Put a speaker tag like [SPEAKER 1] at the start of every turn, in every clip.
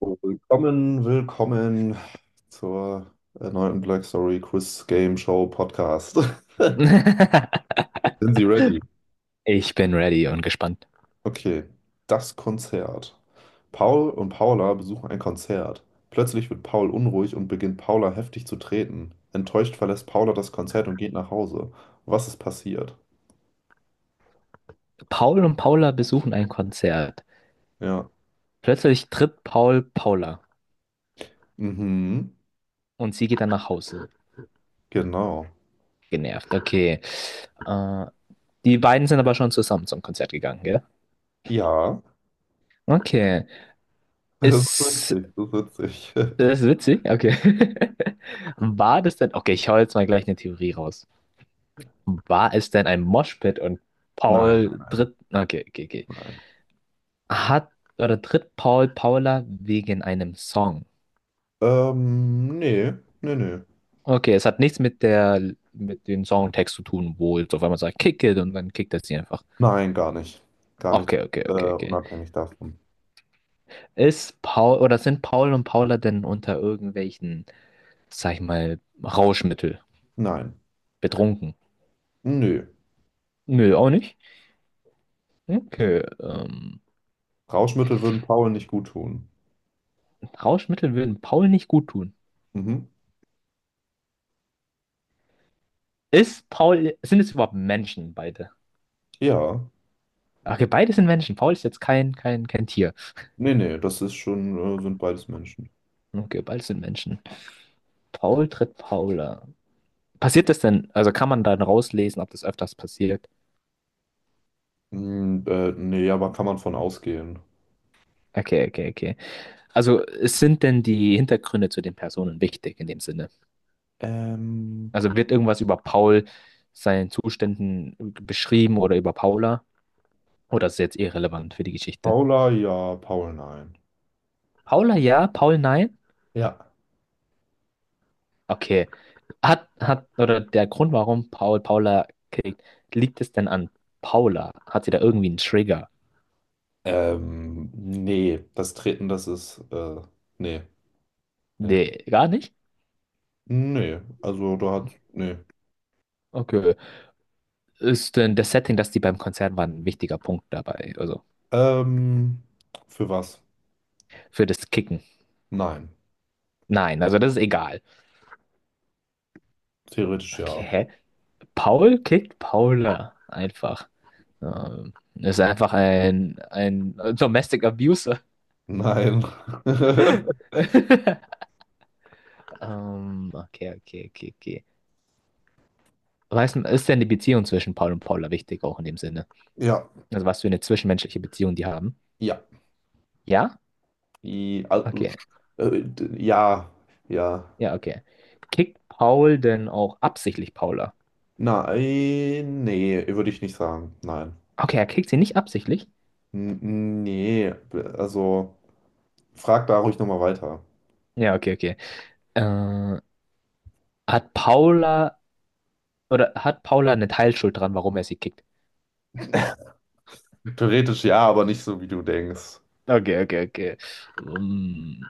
[SPEAKER 1] Willkommen, willkommen zur erneuten Black Story Quiz Game Show Podcast. Sind Sie ready?
[SPEAKER 2] Ich bin ready und gespannt.
[SPEAKER 1] Okay, das Konzert. Paul und Paula besuchen ein Konzert. Plötzlich wird Paul unruhig und beginnt Paula heftig zu treten. Enttäuscht verlässt Paula das Konzert und geht nach Hause. Was ist passiert?
[SPEAKER 2] Paul und Paula besuchen ein Konzert.
[SPEAKER 1] Ja.
[SPEAKER 2] Plötzlich tritt Paul Paula
[SPEAKER 1] Mhm.
[SPEAKER 2] und sie geht dann nach Hause.
[SPEAKER 1] Genau.
[SPEAKER 2] Genervt. Okay. Äh, die beiden sind aber schon zusammen zum Konzert gegangen, gell?
[SPEAKER 1] Ja.
[SPEAKER 2] Okay.
[SPEAKER 1] Das ist
[SPEAKER 2] Ist
[SPEAKER 1] witzig. Das ist witzig.
[SPEAKER 2] das witzig. Okay. War das denn? Okay, ich hau jetzt mal gleich eine Theorie raus. War es denn ein Moshpit und
[SPEAKER 1] Nein, nein,
[SPEAKER 2] Paul
[SPEAKER 1] nein,
[SPEAKER 2] tritt? Okay, okay, okay.
[SPEAKER 1] nein.
[SPEAKER 2] Hat oder tritt Paul Paula wegen einem Song?
[SPEAKER 1] Nee, nee, nee.
[SPEAKER 2] Okay, es hat nichts mit dem Songtext zu tun, wo jetzt auf einmal sagt Kick it und dann kickt er sie einfach.
[SPEAKER 1] Nein, gar nicht. Gar nicht,
[SPEAKER 2] Okay, okay, okay, okay.
[SPEAKER 1] unabhängig davon.
[SPEAKER 2] Ist Paul oder sind Paul und Paula denn unter irgendwelchen, sag ich mal, Rauschmittel
[SPEAKER 1] Nein.
[SPEAKER 2] betrunken?
[SPEAKER 1] Nö.
[SPEAKER 2] Nö, auch nicht. Okay,
[SPEAKER 1] Rauschmittel würden Paul nicht gut tun.
[SPEAKER 2] Rauschmittel würden Paul nicht gut tun.
[SPEAKER 1] Mhm.
[SPEAKER 2] Ist Paul, sind es überhaupt Menschen beide?
[SPEAKER 1] Ja.
[SPEAKER 2] Okay, beide sind Menschen. Paul ist jetzt kein Tier.
[SPEAKER 1] Nee, nee, das ist schon, sind beides Menschen.
[SPEAKER 2] Okay, beide sind Menschen. Paul tritt Paula. Passiert das denn, also kann man dann rauslesen, ob das öfters passiert?
[SPEAKER 1] Nee, aber kann man von ausgehen.
[SPEAKER 2] Okay, okay, okay. Also es sind denn die Hintergründe zu den Personen wichtig in dem Sinne?
[SPEAKER 1] Ähm,
[SPEAKER 2] Also wird irgendwas über Paul, seinen Zuständen beschrieben oder über Paula? Oder ist es jetzt irrelevant für die Geschichte?
[SPEAKER 1] Paula, ja, Paul, nein.
[SPEAKER 2] Paula ja, Paul nein?
[SPEAKER 1] Ja.
[SPEAKER 2] Okay. Oder der Grund, warum Paul Paula kriegt, liegt es denn an Paula? Hat sie da irgendwie einen Trigger?
[SPEAKER 1] Nee, das Treten, das ist, nee, nee.
[SPEAKER 2] Nee, gar nicht?
[SPEAKER 1] Nee, also da hat, nee.
[SPEAKER 2] Okay. Ist denn das Setting, dass die beim Konzert waren, ein wichtiger Punkt dabei? Also
[SPEAKER 1] Ähm, für was?
[SPEAKER 2] für das Kicken?
[SPEAKER 1] Nein.
[SPEAKER 2] Nein, also das ist egal.
[SPEAKER 1] Theoretisch
[SPEAKER 2] Okay,
[SPEAKER 1] ja.
[SPEAKER 2] hä? Paul kickt Paula einfach. Ist einfach ein Domestic Abuser.
[SPEAKER 1] Nein.
[SPEAKER 2] Okay, okay, okay, okay. Was ist denn die Beziehung zwischen Paul und Paula wichtig, auch in dem Sinne?
[SPEAKER 1] Ja,
[SPEAKER 2] Also was für eine zwischenmenschliche Beziehung die haben?
[SPEAKER 1] ja.
[SPEAKER 2] Ja?
[SPEAKER 1] I, al-
[SPEAKER 2] Okay.
[SPEAKER 1] ja, ja.
[SPEAKER 2] Ja, okay. Kickt Paul denn auch absichtlich Paula?
[SPEAKER 1] Nein, nee, würde ich nicht sagen. Nein.
[SPEAKER 2] Okay, er kickt sie nicht absichtlich?
[SPEAKER 1] N nee, also frag da ruhig nochmal weiter.
[SPEAKER 2] Ja, okay, okay. Äh, hat Paula eine Teilschuld dran, warum er sie kickt?
[SPEAKER 1] Theoretisch ja, aber nicht so, wie du denkst.
[SPEAKER 2] Okay, okay, okay. Ähm,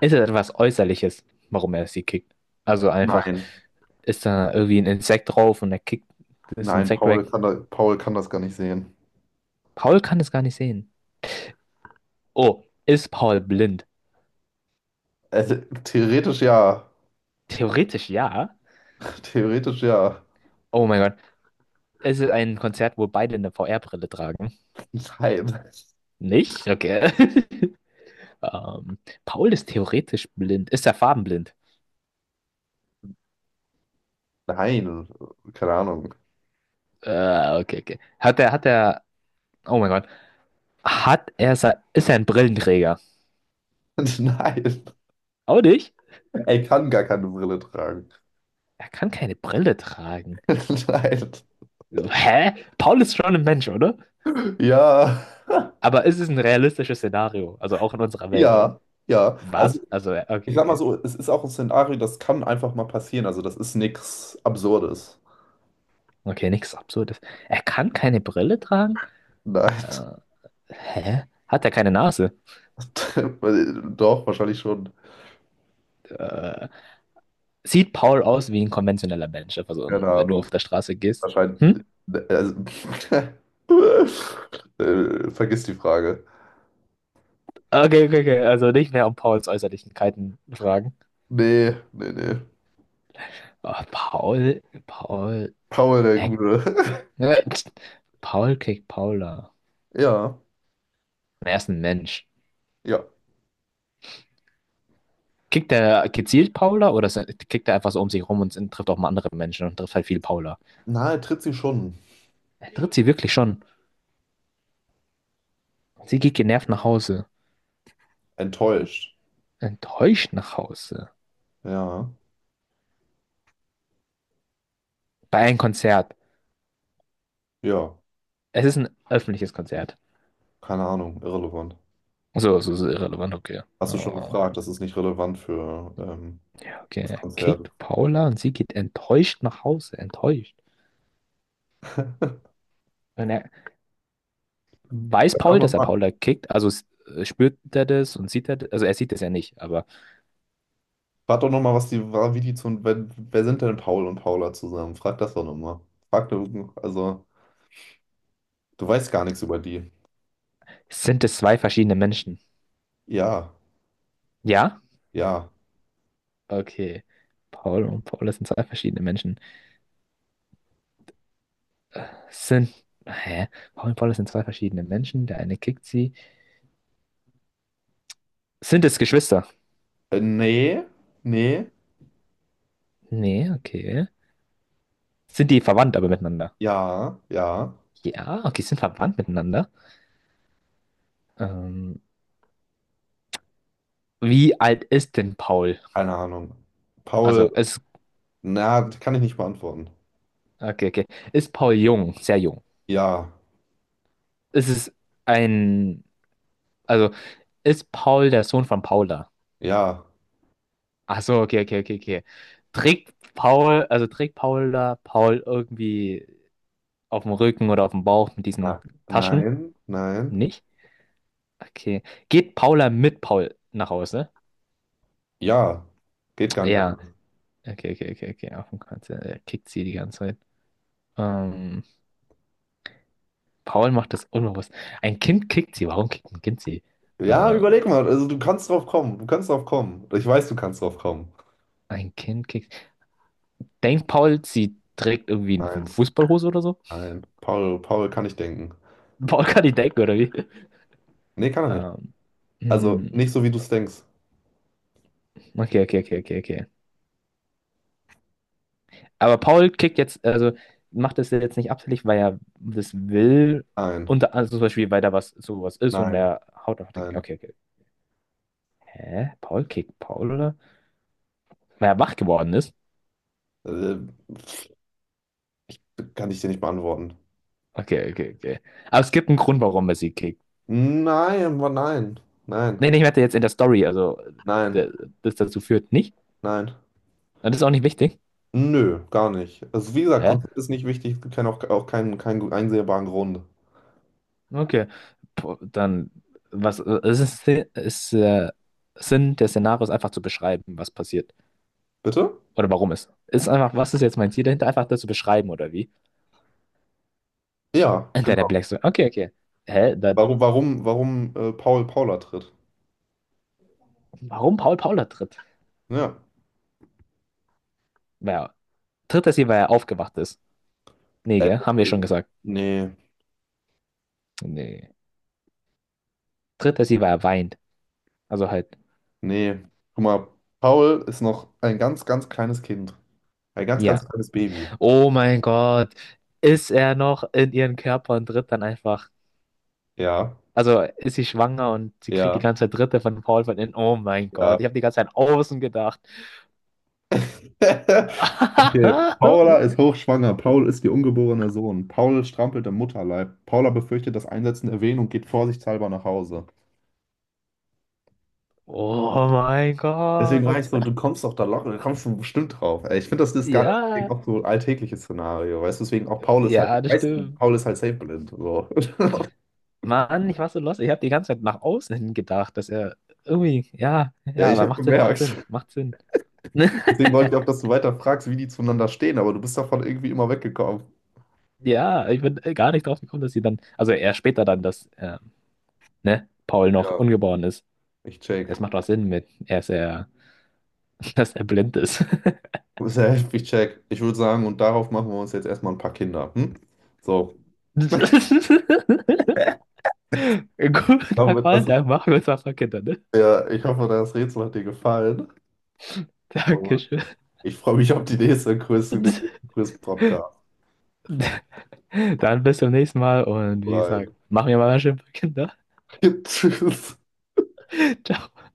[SPEAKER 2] Ist es etwas Äußerliches, warum er sie kickt? Also einfach
[SPEAKER 1] Nein,
[SPEAKER 2] ist da irgendwie ein Insekt drauf und er kickt das
[SPEAKER 1] nein,
[SPEAKER 2] Insekt weg.
[SPEAKER 1] Paul kann das gar nicht sehen.
[SPEAKER 2] Paul kann es gar nicht sehen. Oh, ist Paul blind?
[SPEAKER 1] Also, theoretisch ja.
[SPEAKER 2] Theoretisch ja.
[SPEAKER 1] Theoretisch ja.
[SPEAKER 2] Oh mein Gott. Ist es ein Konzert, wo beide eine VR-Brille tragen?
[SPEAKER 1] Nein.
[SPEAKER 2] Nicht? Okay. Ähm, Paul ist theoretisch blind. Ist er farbenblind?
[SPEAKER 1] Nein, keine Ahnung.
[SPEAKER 2] Okay, okay. Oh mein Gott. Ist er ein Brillenträger?
[SPEAKER 1] Nein,
[SPEAKER 2] Auch nicht?
[SPEAKER 1] er kann gar keine Brille tragen.
[SPEAKER 2] Er kann keine Brille tragen.
[SPEAKER 1] Nein.
[SPEAKER 2] Hä? Paul ist schon ein Mensch, oder?
[SPEAKER 1] Ja.
[SPEAKER 2] Aber es ist ein realistisches Szenario, also auch in unserer Welt.
[SPEAKER 1] Ja, ja. Also
[SPEAKER 2] Was?
[SPEAKER 1] ich
[SPEAKER 2] Okay,
[SPEAKER 1] sag mal
[SPEAKER 2] okay.
[SPEAKER 1] so, es ist auch ein Szenario, das kann einfach mal passieren. Also das ist nichts Absurdes.
[SPEAKER 2] Okay, nichts Absurdes. Er kann keine Brille tragen?
[SPEAKER 1] Nein.
[SPEAKER 2] Äh, hä? Hat er keine Nase?
[SPEAKER 1] Doch, wahrscheinlich schon.
[SPEAKER 2] Äh, sieht Paul aus wie ein konventioneller Mensch, also
[SPEAKER 1] Keine
[SPEAKER 2] wenn du auf
[SPEAKER 1] Ahnung.
[SPEAKER 2] der Straße gehst?
[SPEAKER 1] Wahrscheinlich.
[SPEAKER 2] Hm?
[SPEAKER 1] äh, Also, vergiss die Frage.
[SPEAKER 2] Okay, okay, okay. Also nicht mehr um Pauls Äußerlichkeiten fragen.
[SPEAKER 1] Nee, nee, nee.
[SPEAKER 2] Oh,
[SPEAKER 1] Paul, der
[SPEAKER 2] äh,
[SPEAKER 1] Gute.
[SPEAKER 2] Paul kriegt Paula.
[SPEAKER 1] Ja,
[SPEAKER 2] Er ist ein Mensch.
[SPEAKER 1] ja.
[SPEAKER 2] Kickt der gezielt Paula oder kickt er einfach so um sich rum und trifft auch mal andere Menschen und trifft halt viel Paula?
[SPEAKER 1] Na, er tritt sie schon.
[SPEAKER 2] Er tritt sie wirklich schon. Sie geht genervt nach Hause.
[SPEAKER 1] Enttäuscht.
[SPEAKER 2] Enttäuscht nach Hause.
[SPEAKER 1] Ja,
[SPEAKER 2] Bei einem Konzert.
[SPEAKER 1] ja.
[SPEAKER 2] Es ist ein öffentliches Konzert.
[SPEAKER 1] Keine Ahnung, irrelevant.
[SPEAKER 2] So, so ist irrelevant, okay.
[SPEAKER 1] Hast du schon
[SPEAKER 2] Oh,
[SPEAKER 1] gefragt, das ist nicht relevant für
[SPEAKER 2] okay,
[SPEAKER 1] das
[SPEAKER 2] er
[SPEAKER 1] Konzert.
[SPEAKER 2] kickt Paula und sie geht enttäuscht nach Hause. Enttäuscht. Und er weiß
[SPEAKER 1] Frag doch
[SPEAKER 2] Paul, dass er
[SPEAKER 1] nochmal,
[SPEAKER 2] Paula kickt, also spürt er das und sieht er das, also er sieht es ja nicht, aber
[SPEAKER 1] frag doch noch mal, wie die zu, wer, wer sind denn Paul und Paula zusammen? Frag das doch nochmal. Also, du weißt gar nichts über die.
[SPEAKER 2] sind es zwei verschiedene Menschen?
[SPEAKER 1] Ja,
[SPEAKER 2] Ja?
[SPEAKER 1] ja.
[SPEAKER 2] Okay. Paul und Paula sind zwei verschiedene Menschen. Sind. Hä? Paul und Paula sind zwei verschiedene Menschen. Der eine kickt sie. Sind es Geschwister?
[SPEAKER 1] Nee, nee,
[SPEAKER 2] Nee, okay. Sind die verwandt aber miteinander?
[SPEAKER 1] ja, ja.
[SPEAKER 2] Ja, okay, sind verwandt miteinander. Ähm, wie alt ist denn Paul?
[SPEAKER 1] Keine Ahnung. Paul,
[SPEAKER 2] Also, ist.
[SPEAKER 1] na, das kann ich nicht beantworten.
[SPEAKER 2] Okay, okay. Ist Paul jung? Sehr jung.
[SPEAKER 1] Ja,
[SPEAKER 2] Ist es ein. Also, ist Paul der Sohn von Paula?
[SPEAKER 1] ja,
[SPEAKER 2] Ach so, okay, okay, okay, okay. Trägt Paul, also trägt Paula Paul irgendwie auf dem Rücken oder auf dem Bauch mit diesen
[SPEAKER 1] na,
[SPEAKER 2] Taschen?
[SPEAKER 1] nein, nein,
[SPEAKER 2] Nicht? Okay. Geht Paula mit Paul nach Hause?
[SPEAKER 1] ja. Geht gar nicht
[SPEAKER 2] Ja.
[SPEAKER 1] anders.
[SPEAKER 2] Okay, okay, okay, okay. Auf dem Kreuz. Ja, er kickt sie die ganze Zeit. Ähm, Paul macht das unbewusst. Ein Kind kickt sie. Warum kickt ein Kind sie?
[SPEAKER 1] Ja,
[SPEAKER 2] Äh,
[SPEAKER 1] überleg mal, also du kannst drauf kommen, du kannst drauf kommen. Ich weiß, du kannst drauf kommen.
[SPEAKER 2] ein Kind kickt. Denkt Paul, sie trägt irgendwie eine
[SPEAKER 1] Nein,
[SPEAKER 2] Fußballhose oder so?
[SPEAKER 1] nein. Paul, Paul kann ich denken.
[SPEAKER 2] Paul kann nicht denken, oder wie?
[SPEAKER 1] Nee, kann er nicht.
[SPEAKER 2] Ähm,
[SPEAKER 1] Also
[SPEAKER 2] hm.
[SPEAKER 1] nicht so, wie du es denkst.
[SPEAKER 2] Okay, okay, okay, okay, okay. Aber Paul kickt jetzt, also macht das jetzt nicht absichtlich, weil er das will.
[SPEAKER 1] Nein,
[SPEAKER 2] Unter, also zum Beispiel, weil da was sowas ist und
[SPEAKER 1] nein,
[SPEAKER 2] er haut einfach dagegen.
[SPEAKER 1] nein.
[SPEAKER 2] Okay, okay. Hä? Paul kickt Paul, oder? Weil er wach geworden ist?
[SPEAKER 1] Äh, kann ich dir nicht beantworten.
[SPEAKER 2] Okay, okay, okay. Aber es gibt einen Grund, warum er sie kickt.
[SPEAKER 1] Nein, nein, nein,
[SPEAKER 2] Nee, nee, ich meinte jetzt in der Story, also
[SPEAKER 1] nein,
[SPEAKER 2] der, das dazu führt nicht.
[SPEAKER 1] nein.
[SPEAKER 2] Und das ist auch nicht wichtig.
[SPEAKER 1] Nö, gar nicht. Also wie gesagt,
[SPEAKER 2] Hä?
[SPEAKER 1] Konzept ist nicht wichtig. Es gibt auch, auch keinen, keinen einsehbaren Grund.
[SPEAKER 2] Okay. Po- Dann, was, es ist, ist Sinn des Szenarios einfach zu beschreiben, was passiert.
[SPEAKER 1] Bitte?
[SPEAKER 2] Oder warum es? Ist einfach, was ist jetzt mein Ziel dahinter? Einfach das zu beschreiben, oder wie?
[SPEAKER 1] Ja,
[SPEAKER 2] Und der Black
[SPEAKER 1] genau.
[SPEAKER 2] so, okay, okay. Hä? Da,
[SPEAKER 1] Warum Paul Paula tritt?
[SPEAKER 2] warum Paul Paula tritt?
[SPEAKER 1] Ja.
[SPEAKER 2] Ja, tritt er sie, weil er aufgewacht ist? Nee,
[SPEAKER 1] Äh,
[SPEAKER 2] gell? Haben wir schon gesagt.
[SPEAKER 1] nee,
[SPEAKER 2] Nee. Tritt er sie, weil er weint. Also halt,
[SPEAKER 1] nee. Guck mal, Paul ist noch ein ganz, ganz kleines Kind. Ein ganz,
[SPEAKER 2] ja.
[SPEAKER 1] ganz kleines Baby.
[SPEAKER 2] Oh mein Gott. Ist er noch in ihren Körper und tritt dann einfach.
[SPEAKER 1] Ja,
[SPEAKER 2] Also ist sie schwanger und sie kriegt die
[SPEAKER 1] ja,
[SPEAKER 2] ganze Zeit Dritte von Paul von innen. Oh mein Gott,
[SPEAKER 1] ja.
[SPEAKER 2] ich habe die ganze Zeit an außen gedacht.
[SPEAKER 1] Okay. Paula ist hochschwanger. Paul ist ihr ungeborener Sohn. Paul strampelt im Mutterleib. Paula befürchtet das Einsetzen der Wehen und geht vorsichtshalber nach Hause.
[SPEAKER 2] Oh mein
[SPEAKER 1] Deswegen war ich
[SPEAKER 2] Gott.
[SPEAKER 1] so, du kommst doch da locker, du kommst schon bestimmt drauf. Ey, ich finde, das ist gar deswegen
[SPEAKER 2] Ja.
[SPEAKER 1] auch so ein alltägliches Szenario, weißt du? Deswegen auch Paul ist halt,
[SPEAKER 2] Ja, das
[SPEAKER 1] weißt du,
[SPEAKER 2] stimmt.
[SPEAKER 1] Paul ist halt safe blind. So.
[SPEAKER 2] Mann, ich war so lost. Ich habe die ganze Zeit nach außen hin gedacht, dass er irgendwie, ja,
[SPEAKER 1] Ja,
[SPEAKER 2] ja,
[SPEAKER 1] ich
[SPEAKER 2] aber
[SPEAKER 1] habe
[SPEAKER 2] macht Sinn, macht
[SPEAKER 1] gemerkt.
[SPEAKER 2] Sinn, macht Sinn.
[SPEAKER 1] Deswegen wollte ich auch, dass du weiter fragst, wie die zueinander stehen, aber du bist davon irgendwie immer weggekommen.
[SPEAKER 2] Ja, ich bin gar nicht drauf gekommen, dass sie dann, also er später dann, dass ne, Paul noch
[SPEAKER 1] Ja,
[SPEAKER 2] ungeboren ist.
[SPEAKER 1] ich check.
[SPEAKER 2] Das macht doch Sinn mit, er ist ja, dass er blind ist.
[SPEAKER 1] Safe, ich check. Ich würde sagen, und darauf machen wir uns jetzt erstmal ein paar Kinder. Hm? So.
[SPEAKER 2] Guter
[SPEAKER 1] Hoffe,
[SPEAKER 2] Call,
[SPEAKER 1] das,
[SPEAKER 2] dann machen wir uns was von Kindern, ne?
[SPEAKER 1] ja, ich hoffe, das Rätsel hat dir gefallen. Und
[SPEAKER 2] Dankeschön.
[SPEAKER 1] ich freue mich auf die nächste Quiz, den nächsten Quiz-Podcast
[SPEAKER 2] Dann bis zum nächsten Mal und wie gesagt,
[SPEAKER 1] rein.
[SPEAKER 2] machen wir mal was schön für Kinder.
[SPEAKER 1] Tschüss.
[SPEAKER 2] Ciao.